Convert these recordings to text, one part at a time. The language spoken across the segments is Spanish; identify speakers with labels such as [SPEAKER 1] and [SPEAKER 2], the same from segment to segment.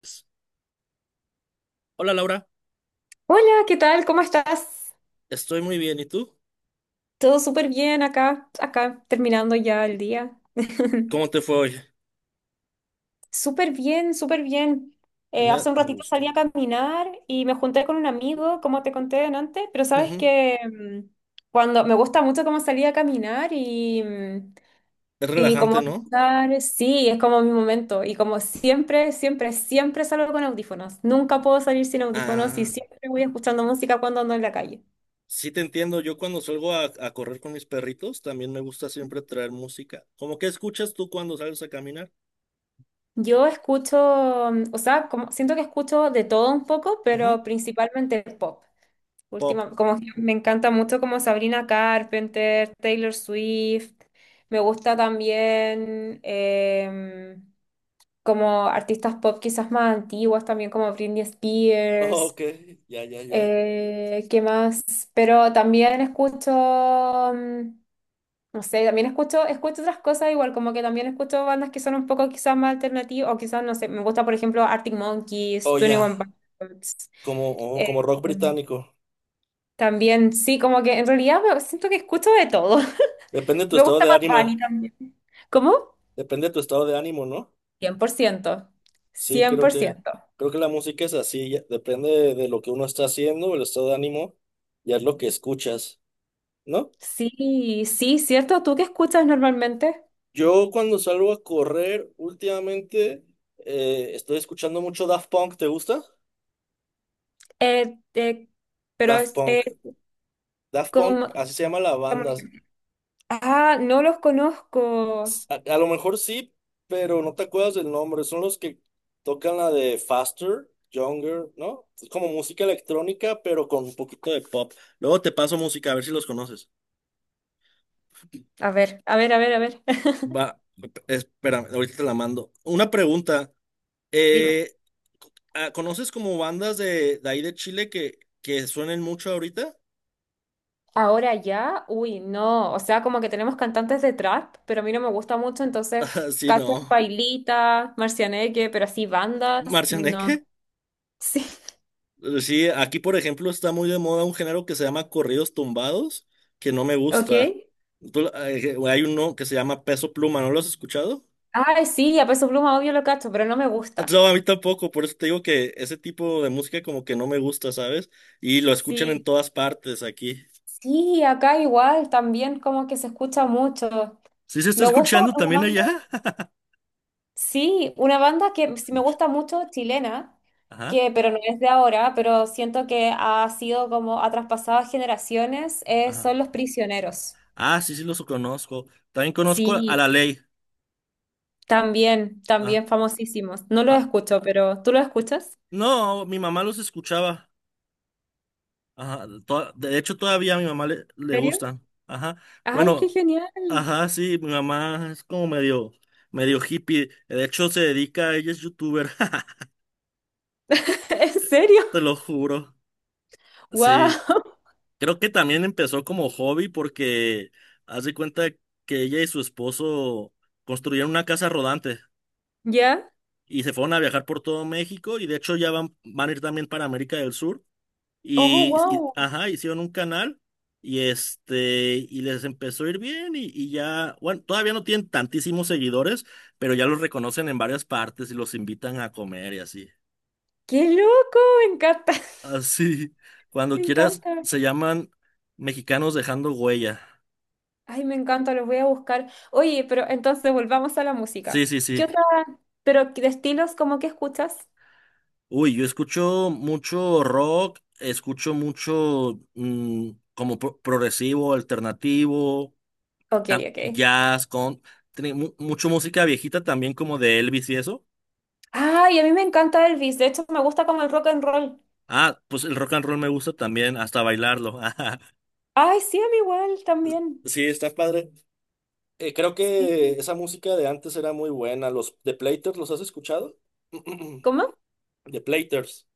[SPEAKER 1] Pues, hola, Laura,
[SPEAKER 2] Hola, ¿qué tal? ¿Cómo estás?
[SPEAKER 1] estoy muy bien. ¿Y tú?
[SPEAKER 2] Todo súper bien acá, terminando ya el día.
[SPEAKER 1] ¿Cómo te fue hoy?
[SPEAKER 2] Súper bien, súper bien.
[SPEAKER 1] Me
[SPEAKER 2] Hace un
[SPEAKER 1] a
[SPEAKER 2] ratito
[SPEAKER 1] gusto.
[SPEAKER 2] salí a caminar y me junté con un amigo, como te conté antes, pero sabes
[SPEAKER 1] Ujú.
[SPEAKER 2] que cuando me gusta mucho como salir a caminar y, mm,
[SPEAKER 1] Es
[SPEAKER 2] y como
[SPEAKER 1] relajante, ¿no?
[SPEAKER 2] escuchar, sí, es como mi momento. Y como siempre, siempre, siempre salgo con audífonos. Nunca puedo salir sin audífonos y
[SPEAKER 1] Ah,
[SPEAKER 2] siempre voy escuchando música cuando ando en la calle.
[SPEAKER 1] sí te entiendo. Yo cuando salgo a correr con mis perritos, también me gusta siempre traer música. ¿Cómo que escuchas tú cuando sales a caminar?
[SPEAKER 2] Yo escucho, o sea, como, siento que escucho de todo un poco,
[SPEAKER 1] Ujú.
[SPEAKER 2] pero principalmente pop.
[SPEAKER 1] Pop.
[SPEAKER 2] Última, como que me encanta mucho como Sabrina Carpenter, Taylor Swift. Me gusta también como artistas pop quizás más antiguas, también como Britney
[SPEAKER 1] Oh,
[SPEAKER 2] Spears.
[SPEAKER 1] ok, ya, ya, ya.
[SPEAKER 2] ¿Qué más? Pero también escucho no sé, también escucho otras cosas igual, como que también escucho bandas que son un poco quizás más alternativas, o quizás, no sé, me gusta, por ejemplo, Arctic Monkeys,
[SPEAKER 1] Oh,
[SPEAKER 2] Twenty
[SPEAKER 1] ya.
[SPEAKER 2] One Pilots.
[SPEAKER 1] Oh, como
[SPEAKER 2] eh,
[SPEAKER 1] rock
[SPEAKER 2] mm,
[SPEAKER 1] británico.
[SPEAKER 2] También, sí, como que en realidad siento que escucho de todo.
[SPEAKER 1] Depende de tu
[SPEAKER 2] Me
[SPEAKER 1] estado
[SPEAKER 2] gusta
[SPEAKER 1] de
[SPEAKER 2] más Bunny
[SPEAKER 1] ánimo.
[SPEAKER 2] también. ¿Cómo?
[SPEAKER 1] Depende de tu estado de ánimo, ¿no?
[SPEAKER 2] Cien por ciento,
[SPEAKER 1] Sí,
[SPEAKER 2] cien
[SPEAKER 1] creo
[SPEAKER 2] por
[SPEAKER 1] que,
[SPEAKER 2] ciento
[SPEAKER 1] creo que la música es así, depende de lo que uno está haciendo, el estado de ánimo, ya es lo que escuchas, ¿no?
[SPEAKER 2] Sí, sí, cierto. ¿Tú qué escuchas normalmente?
[SPEAKER 1] Yo cuando salgo a correr últimamente, estoy escuchando mucho Daft Punk, ¿te gusta?
[SPEAKER 2] Eh, eh, pero
[SPEAKER 1] Daft
[SPEAKER 2] es
[SPEAKER 1] Punk, Daft Punk,
[SPEAKER 2] como...
[SPEAKER 1] así se llama la
[SPEAKER 2] como un
[SPEAKER 1] banda.
[SPEAKER 2] ejemplo. Ah, no los conozco.
[SPEAKER 1] A lo mejor sí, pero no te acuerdas del nombre, son los que tocan la de Faster, Younger, ¿no? Es como música electrónica, pero con un poquito de pop. Luego te paso música, a ver si los conoces.
[SPEAKER 2] A ver, a ver, a ver, a ver.
[SPEAKER 1] Va, espérame, ahorita te la mando. Una pregunta.
[SPEAKER 2] Dime.
[SPEAKER 1] eh, ¿Conoces como bandas de ahí de Chile que suenen mucho ahorita?
[SPEAKER 2] Ahora ya, uy, no, o sea, como que tenemos cantantes de trap, pero a mí no me gusta mucho, entonces
[SPEAKER 1] Sí,
[SPEAKER 2] Cacho
[SPEAKER 1] no.
[SPEAKER 2] Pailita, Marcianeque, pero así bandas,
[SPEAKER 1] ¿Marcianeque?
[SPEAKER 2] no. Sí.
[SPEAKER 1] Sí, aquí por ejemplo está muy de moda un género que se llama corridos tumbados, que no me
[SPEAKER 2] ¿Ok?
[SPEAKER 1] gusta. Hay uno que se llama Peso Pluma, ¿no lo has escuchado?
[SPEAKER 2] Ay, sí, a Peso Pluma obvio lo cacho, pero no me gusta.
[SPEAKER 1] No, a mí tampoco, por eso te digo que ese tipo de música como que no me gusta, ¿sabes? Y lo escuchan en
[SPEAKER 2] Sí.
[SPEAKER 1] todas partes aquí.
[SPEAKER 2] Sí, acá igual, también como que se escucha mucho.
[SPEAKER 1] ¿Sí se está
[SPEAKER 2] Me gusta
[SPEAKER 1] escuchando
[SPEAKER 2] una
[SPEAKER 1] también
[SPEAKER 2] banda.
[SPEAKER 1] allá?
[SPEAKER 2] Sí, una banda que sí me
[SPEAKER 1] Lucha.
[SPEAKER 2] gusta mucho, chilena,
[SPEAKER 1] Ajá,
[SPEAKER 2] pero no es de ahora, pero siento que ha sido como, ha traspasado generaciones,
[SPEAKER 1] ajá.
[SPEAKER 2] son Los Prisioneros.
[SPEAKER 1] Ah, sí, sí, los conozco. También conozco a
[SPEAKER 2] Sí,
[SPEAKER 1] La Ley.
[SPEAKER 2] también,
[SPEAKER 1] Ah,
[SPEAKER 2] también famosísimos. No los
[SPEAKER 1] ah.
[SPEAKER 2] escucho, pero ¿tú los escuchas?
[SPEAKER 1] No, mi mamá los escuchaba. Ajá. De hecho, todavía a mi mamá le,
[SPEAKER 2] ¿En
[SPEAKER 1] le
[SPEAKER 2] serio?
[SPEAKER 1] gustan. Ajá.
[SPEAKER 2] ¡Ay, qué
[SPEAKER 1] Bueno,
[SPEAKER 2] genial!
[SPEAKER 1] ajá, sí, mi mamá es como medio, medio hippie. De hecho, se dedica, ella es youtuber.
[SPEAKER 2] ¿En serio?
[SPEAKER 1] Te lo juro.
[SPEAKER 2] ¡Wow!
[SPEAKER 1] Sí. Creo que también empezó como hobby porque haz de cuenta que ella y su esposo construyeron una casa rodante.
[SPEAKER 2] ¿Ya?
[SPEAKER 1] Y se fueron a viajar por todo México y de hecho ya van a ir también para América del Sur
[SPEAKER 2] ¡Oh, wow!
[SPEAKER 1] ajá, hicieron un canal y este y les empezó a ir bien y, ya, bueno, todavía no tienen tantísimos seguidores, pero ya los reconocen en varias partes y los invitan a comer y así.
[SPEAKER 2] ¡Qué loco! Me encanta.
[SPEAKER 1] Así, cuando
[SPEAKER 2] Me
[SPEAKER 1] quieras,
[SPEAKER 2] encanta.
[SPEAKER 1] se llaman Mexicanos Dejando Huella.
[SPEAKER 2] Ay, me encanta, los voy a buscar. Oye, pero entonces volvamos a la
[SPEAKER 1] Sí,
[SPEAKER 2] música.
[SPEAKER 1] sí,
[SPEAKER 2] ¿Qué
[SPEAKER 1] sí.
[SPEAKER 2] otra? Pero de estilos, ¿cómo que escuchas?
[SPEAKER 1] Uy, yo escucho mucho rock, escucho mucho, como progresivo, alternativo,
[SPEAKER 2] Ok, ok.
[SPEAKER 1] jazz, con tiene mucho música viejita también como de Elvis y eso.
[SPEAKER 2] Ay, a mí me encanta Elvis. De hecho, me gusta como el rock and roll.
[SPEAKER 1] Ah, pues el rock and roll me gusta también, hasta bailarlo.
[SPEAKER 2] Ay, sí, a mí igual también.
[SPEAKER 1] Sí, está padre. Creo
[SPEAKER 2] Sí.
[SPEAKER 1] que esa música de antes era muy buena. Los The Platers, ¿los has escuchado?
[SPEAKER 2] ¿Cómo?
[SPEAKER 1] The Platers.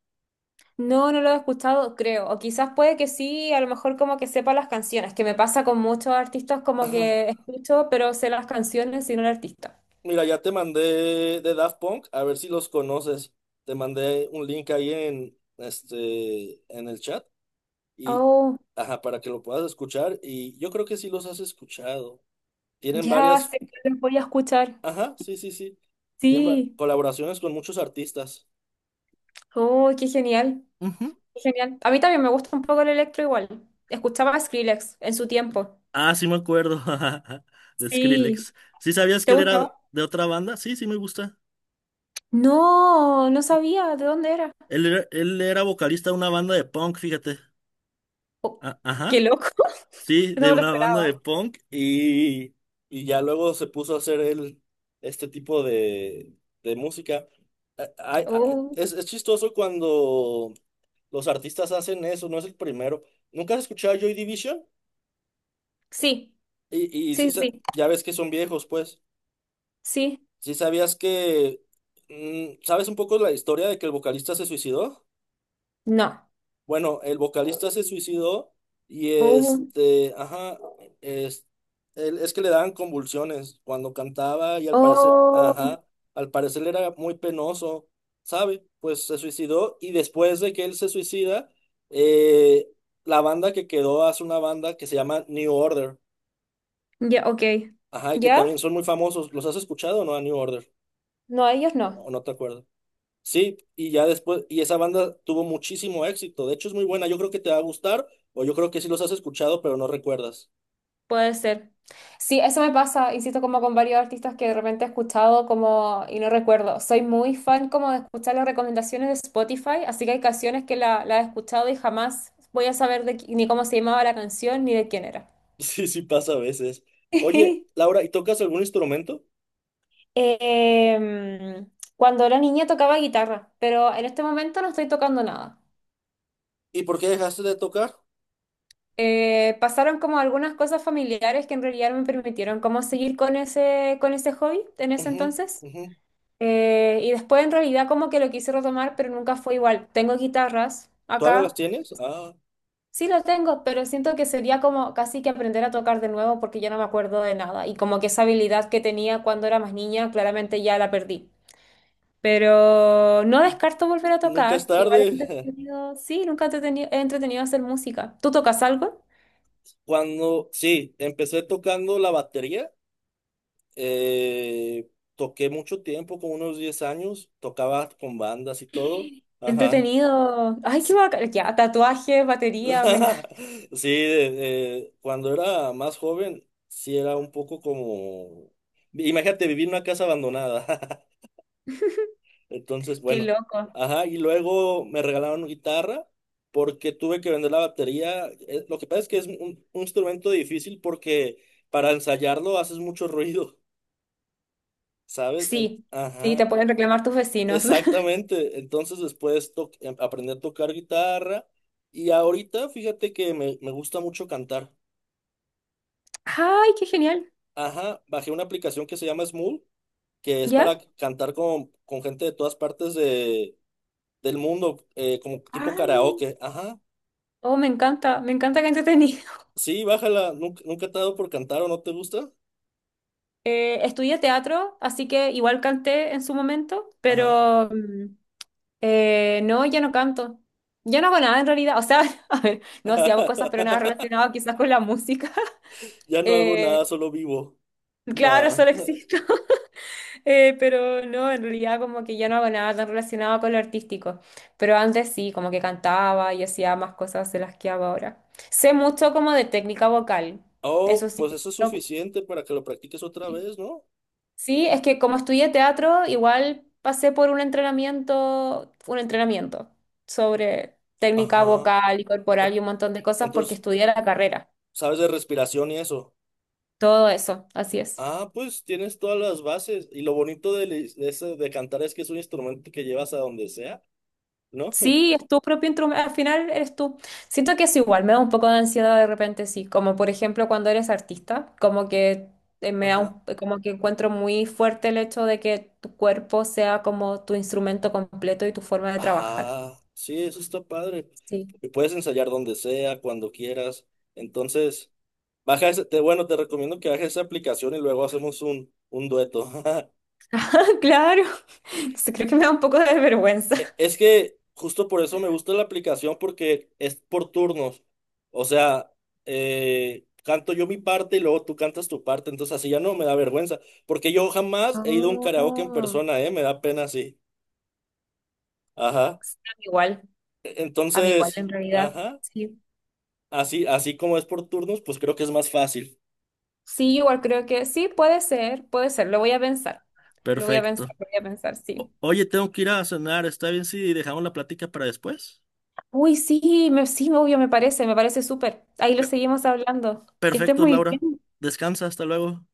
[SPEAKER 2] No, no lo he escuchado, creo. O quizás puede que sí, a lo mejor como que sepa las canciones, que me pasa con muchos artistas como
[SPEAKER 1] Ajá.
[SPEAKER 2] que escucho, pero sé las canciones y no el artista.
[SPEAKER 1] Mira, ya te mandé de Daft Punk, a ver si los conoces. Te mandé un link ahí en el chat y
[SPEAKER 2] Oh,
[SPEAKER 1] ajá, para que lo puedas escuchar y yo creo que sí los has escuchado. Tienen
[SPEAKER 2] ya
[SPEAKER 1] varias.
[SPEAKER 2] sé que los voy a escuchar.
[SPEAKER 1] Ajá, sí, sí, sí. Tiene
[SPEAKER 2] Sí.
[SPEAKER 1] colaboraciones con muchos artistas.
[SPEAKER 2] Oh, qué genial.
[SPEAKER 1] Ujú.
[SPEAKER 2] Genial. A mí también me gusta un poco el electro igual. Escuchaba a Skrillex en su tiempo.
[SPEAKER 1] Ah, sí me acuerdo. De
[SPEAKER 2] Sí.
[SPEAKER 1] Skrillex. ¿Sí sabías
[SPEAKER 2] ¿Te
[SPEAKER 1] que él era
[SPEAKER 2] gustaba?
[SPEAKER 1] de otra banda? Sí, sí me gusta.
[SPEAKER 2] No, no sabía de dónde era.
[SPEAKER 1] Él era vocalista de una banda de punk, fíjate.
[SPEAKER 2] Oh, qué
[SPEAKER 1] Ajá.
[SPEAKER 2] loco.
[SPEAKER 1] Sí,
[SPEAKER 2] No
[SPEAKER 1] de
[SPEAKER 2] me lo
[SPEAKER 1] una banda de
[SPEAKER 2] esperaba.
[SPEAKER 1] punk. Y ya luego se puso a hacer él este tipo de música. A- a- a-
[SPEAKER 2] Oh,
[SPEAKER 1] Es chistoso cuando los artistas hacen eso, no es el primero. ¿Nunca has escuchado Joy Division?
[SPEAKER 2] sí,
[SPEAKER 1] Y sí,
[SPEAKER 2] sí, sí,
[SPEAKER 1] ya ves que son viejos, pues.
[SPEAKER 2] sí.
[SPEAKER 1] ¿Sí sabías que... ¿Sabes un poco la historia de que el vocalista se suicidó?
[SPEAKER 2] No.
[SPEAKER 1] Bueno, el vocalista se suicidó y
[SPEAKER 2] Oh,
[SPEAKER 1] este, ajá, es, es que le daban convulsiones cuando cantaba y al parecer,
[SPEAKER 2] oh,
[SPEAKER 1] ajá, al parecer era muy penoso, ¿sabe? Pues se suicidó y después de que él se suicida, eh, la banda que quedó hace una banda que se llama New Order.
[SPEAKER 2] ya, ok.
[SPEAKER 1] Ajá, y que
[SPEAKER 2] ¿Ya?
[SPEAKER 1] también son muy famosos. ¿Los has escuchado o no a New Order?
[SPEAKER 2] No, ellos
[SPEAKER 1] O
[SPEAKER 2] no.
[SPEAKER 1] o no te acuerdas. Sí, y ya después, y esa banda tuvo muchísimo éxito. De hecho, es muy buena. Yo creo que te va a gustar, o yo creo que sí los has escuchado, pero no recuerdas.
[SPEAKER 2] Puede ser. Sí, eso me pasa, insisto, como con varios artistas que de repente he escuchado como y no recuerdo. Soy muy fan como de escuchar las recomendaciones de Spotify, así que hay canciones que la he escuchado y jamás voy a saber de, ni cómo se llamaba la canción ni de quién era.
[SPEAKER 1] Sí, sí pasa a veces. Oye, Laura, ¿y tocas algún instrumento?
[SPEAKER 2] Em, cuando era niña tocaba guitarra, pero en este momento no estoy tocando nada.
[SPEAKER 1] ¿Y por qué dejaste de tocar?
[SPEAKER 2] Pasaron como algunas cosas familiares que en realidad no me permitieron como seguir con ese hobby en ese
[SPEAKER 1] Ujú,
[SPEAKER 2] entonces.
[SPEAKER 1] ujú.
[SPEAKER 2] Y después en realidad como que lo quise retomar, pero nunca fue igual. Tengo guitarras
[SPEAKER 1] ¿Todavía las
[SPEAKER 2] acá.
[SPEAKER 1] tienes? Ah,
[SPEAKER 2] Sí lo tengo, pero siento que sería como casi que aprender a tocar de nuevo porque ya no me acuerdo de nada. Y como que esa habilidad que tenía cuando era más niña, claramente ya la perdí. Pero no
[SPEAKER 1] y
[SPEAKER 2] descarto volver a
[SPEAKER 1] nunca es
[SPEAKER 2] tocar. Igual he
[SPEAKER 1] tarde.
[SPEAKER 2] entretenido, sí, nunca he entretenido, he entretenido hacer música. ¿Tú tocas algo?
[SPEAKER 1] Sí, empecé tocando la batería, eh, toqué mucho tiempo, como unos 10 años, tocaba con bandas y todo. Ajá.
[SPEAKER 2] Entretenido. Ay, qué bacán. Ya, tatuajes, batería, venga.
[SPEAKER 1] Sí, cuando era más joven, sí era un poco como, imagínate vivir en una casa abandonada. Entonces,
[SPEAKER 2] Qué
[SPEAKER 1] bueno,
[SPEAKER 2] loco.
[SPEAKER 1] ajá, y luego me regalaron guitarra porque tuve que vender la batería. Lo que pasa es que es un instrumento difícil porque para ensayarlo haces mucho ruido, ¿sabes?
[SPEAKER 2] Sí, sí, te
[SPEAKER 1] Ajá,
[SPEAKER 2] pueden reclamar tus vecinos.
[SPEAKER 1] exactamente. Entonces después aprendí a tocar guitarra y ahorita fíjate que me gusta mucho cantar.
[SPEAKER 2] Ay, qué genial.
[SPEAKER 1] Ajá, bajé una aplicación que se llama Smule, que es
[SPEAKER 2] ¿Ya?
[SPEAKER 1] para cantar con gente de todas partes del mundo, como tipo
[SPEAKER 2] Ay,
[SPEAKER 1] karaoke. Ajá,
[SPEAKER 2] oh, me encanta que entretenido.
[SPEAKER 1] sí, bájala. ¿Nunca, nunca te ha dado por cantar o no te gusta?
[SPEAKER 2] Estudié teatro, así que igual canté en su momento,
[SPEAKER 1] Ajá.
[SPEAKER 2] pero no, ya no canto. Ya no hago nada en realidad. O sea, a ver, no, sí hago cosas, pero nada relacionado quizás con la música.
[SPEAKER 1] Ya no hago nada,
[SPEAKER 2] Eh,
[SPEAKER 1] solo vivo.
[SPEAKER 2] claro,
[SPEAKER 1] Nada.
[SPEAKER 2] solo existe. Pero no, en realidad como que ya no hago nada tan relacionado con lo artístico. Pero antes sí, como que cantaba y hacía más cosas de las que hago ahora. Sé mucho como de técnica vocal.
[SPEAKER 1] Oh,
[SPEAKER 2] Eso sí.
[SPEAKER 1] pues eso es
[SPEAKER 2] No,
[SPEAKER 1] suficiente para que lo practiques otra vez, ¿no?
[SPEAKER 2] sí, es que como estudié teatro, igual pasé por un entrenamiento, sobre técnica
[SPEAKER 1] Ajá.
[SPEAKER 2] vocal y corporal y un montón de cosas porque
[SPEAKER 1] Entonces,
[SPEAKER 2] estudié la carrera.
[SPEAKER 1] ¿sabes de respiración y eso?
[SPEAKER 2] Todo eso, así es.
[SPEAKER 1] Ah, pues tienes todas las bases. Y lo bonito de cantar es que es un instrumento que llevas a donde sea. ¿No?
[SPEAKER 2] Sí, es tu propio instrumento, al final eres tú. Siento que es igual, me da un poco de ansiedad de repente, sí, como por ejemplo cuando eres artista, como que
[SPEAKER 1] Ajá.
[SPEAKER 2] como que encuentro muy fuerte el hecho de que tu cuerpo sea como tu instrumento completo y tu forma de trabajar.
[SPEAKER 1] Ajá. Sí, eso está padre.
[SPEAKER 2] Sí.
[SPEAKER 1] Y puedes ensayar donde sea, cuando quieras. Entonces, bueno, te recomiendo que bajes esa aplicación y luego hacemos un dueto.
[SPEAKER 2] Claro. Entonces creo que me da un poco de vergüenza.
[SPEAKER 1] Es que justo por eso me gusta la aplicación porque es por turnos. O sea, canto yo mi parte y luego tú cantas tu parte. Entonces así ya no me da vergüenza. Porque yo jamás he ido a un
[SPEAKER 2] Ah,
[SPEAKER 1] karaoke en persona, ¿eh? Me da pena así. Ajá.
[SPEAKER 2] a mí igual, a mí igual
[SPEAKER 1] Entonces,
[SPEAKER 2] en realidad.
[SPEAKER 1] ajá.
[SPEAKER 2] Sí.
[SPEAKER 1] Así, así como es por turnos, pues creo que es más fácil.
[SPEAKER 2] Sí, igual creo que sí, puede ser, lo voy a pensar. Lo voy a pensar,
[SPEAKER 1] Perfecto.
[SPEAKER 2] lo voy a pensar, sí.
[SPEAKER 1] Oye, tengo que ir a cenar. ¿Está bien si dejamos la plática para después?
[SPEAKER 2] Uy, sí, sí, obvio, me parece súper. Ahí lo
[SPEAKER 1] Pe-
[SPEAKER 2] seguimos hablando. Que estés
[SPEAKER 1] perfecto,
[SPEAKER 2] muy
[SPEAKER 1] Laura.
[SPEAKER 2] bien.
[SPEAKER 1] Descansa, hasta luego.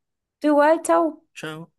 [SPEAKER 2] Tú igual, chao.
[SPEAKER 1] Chao.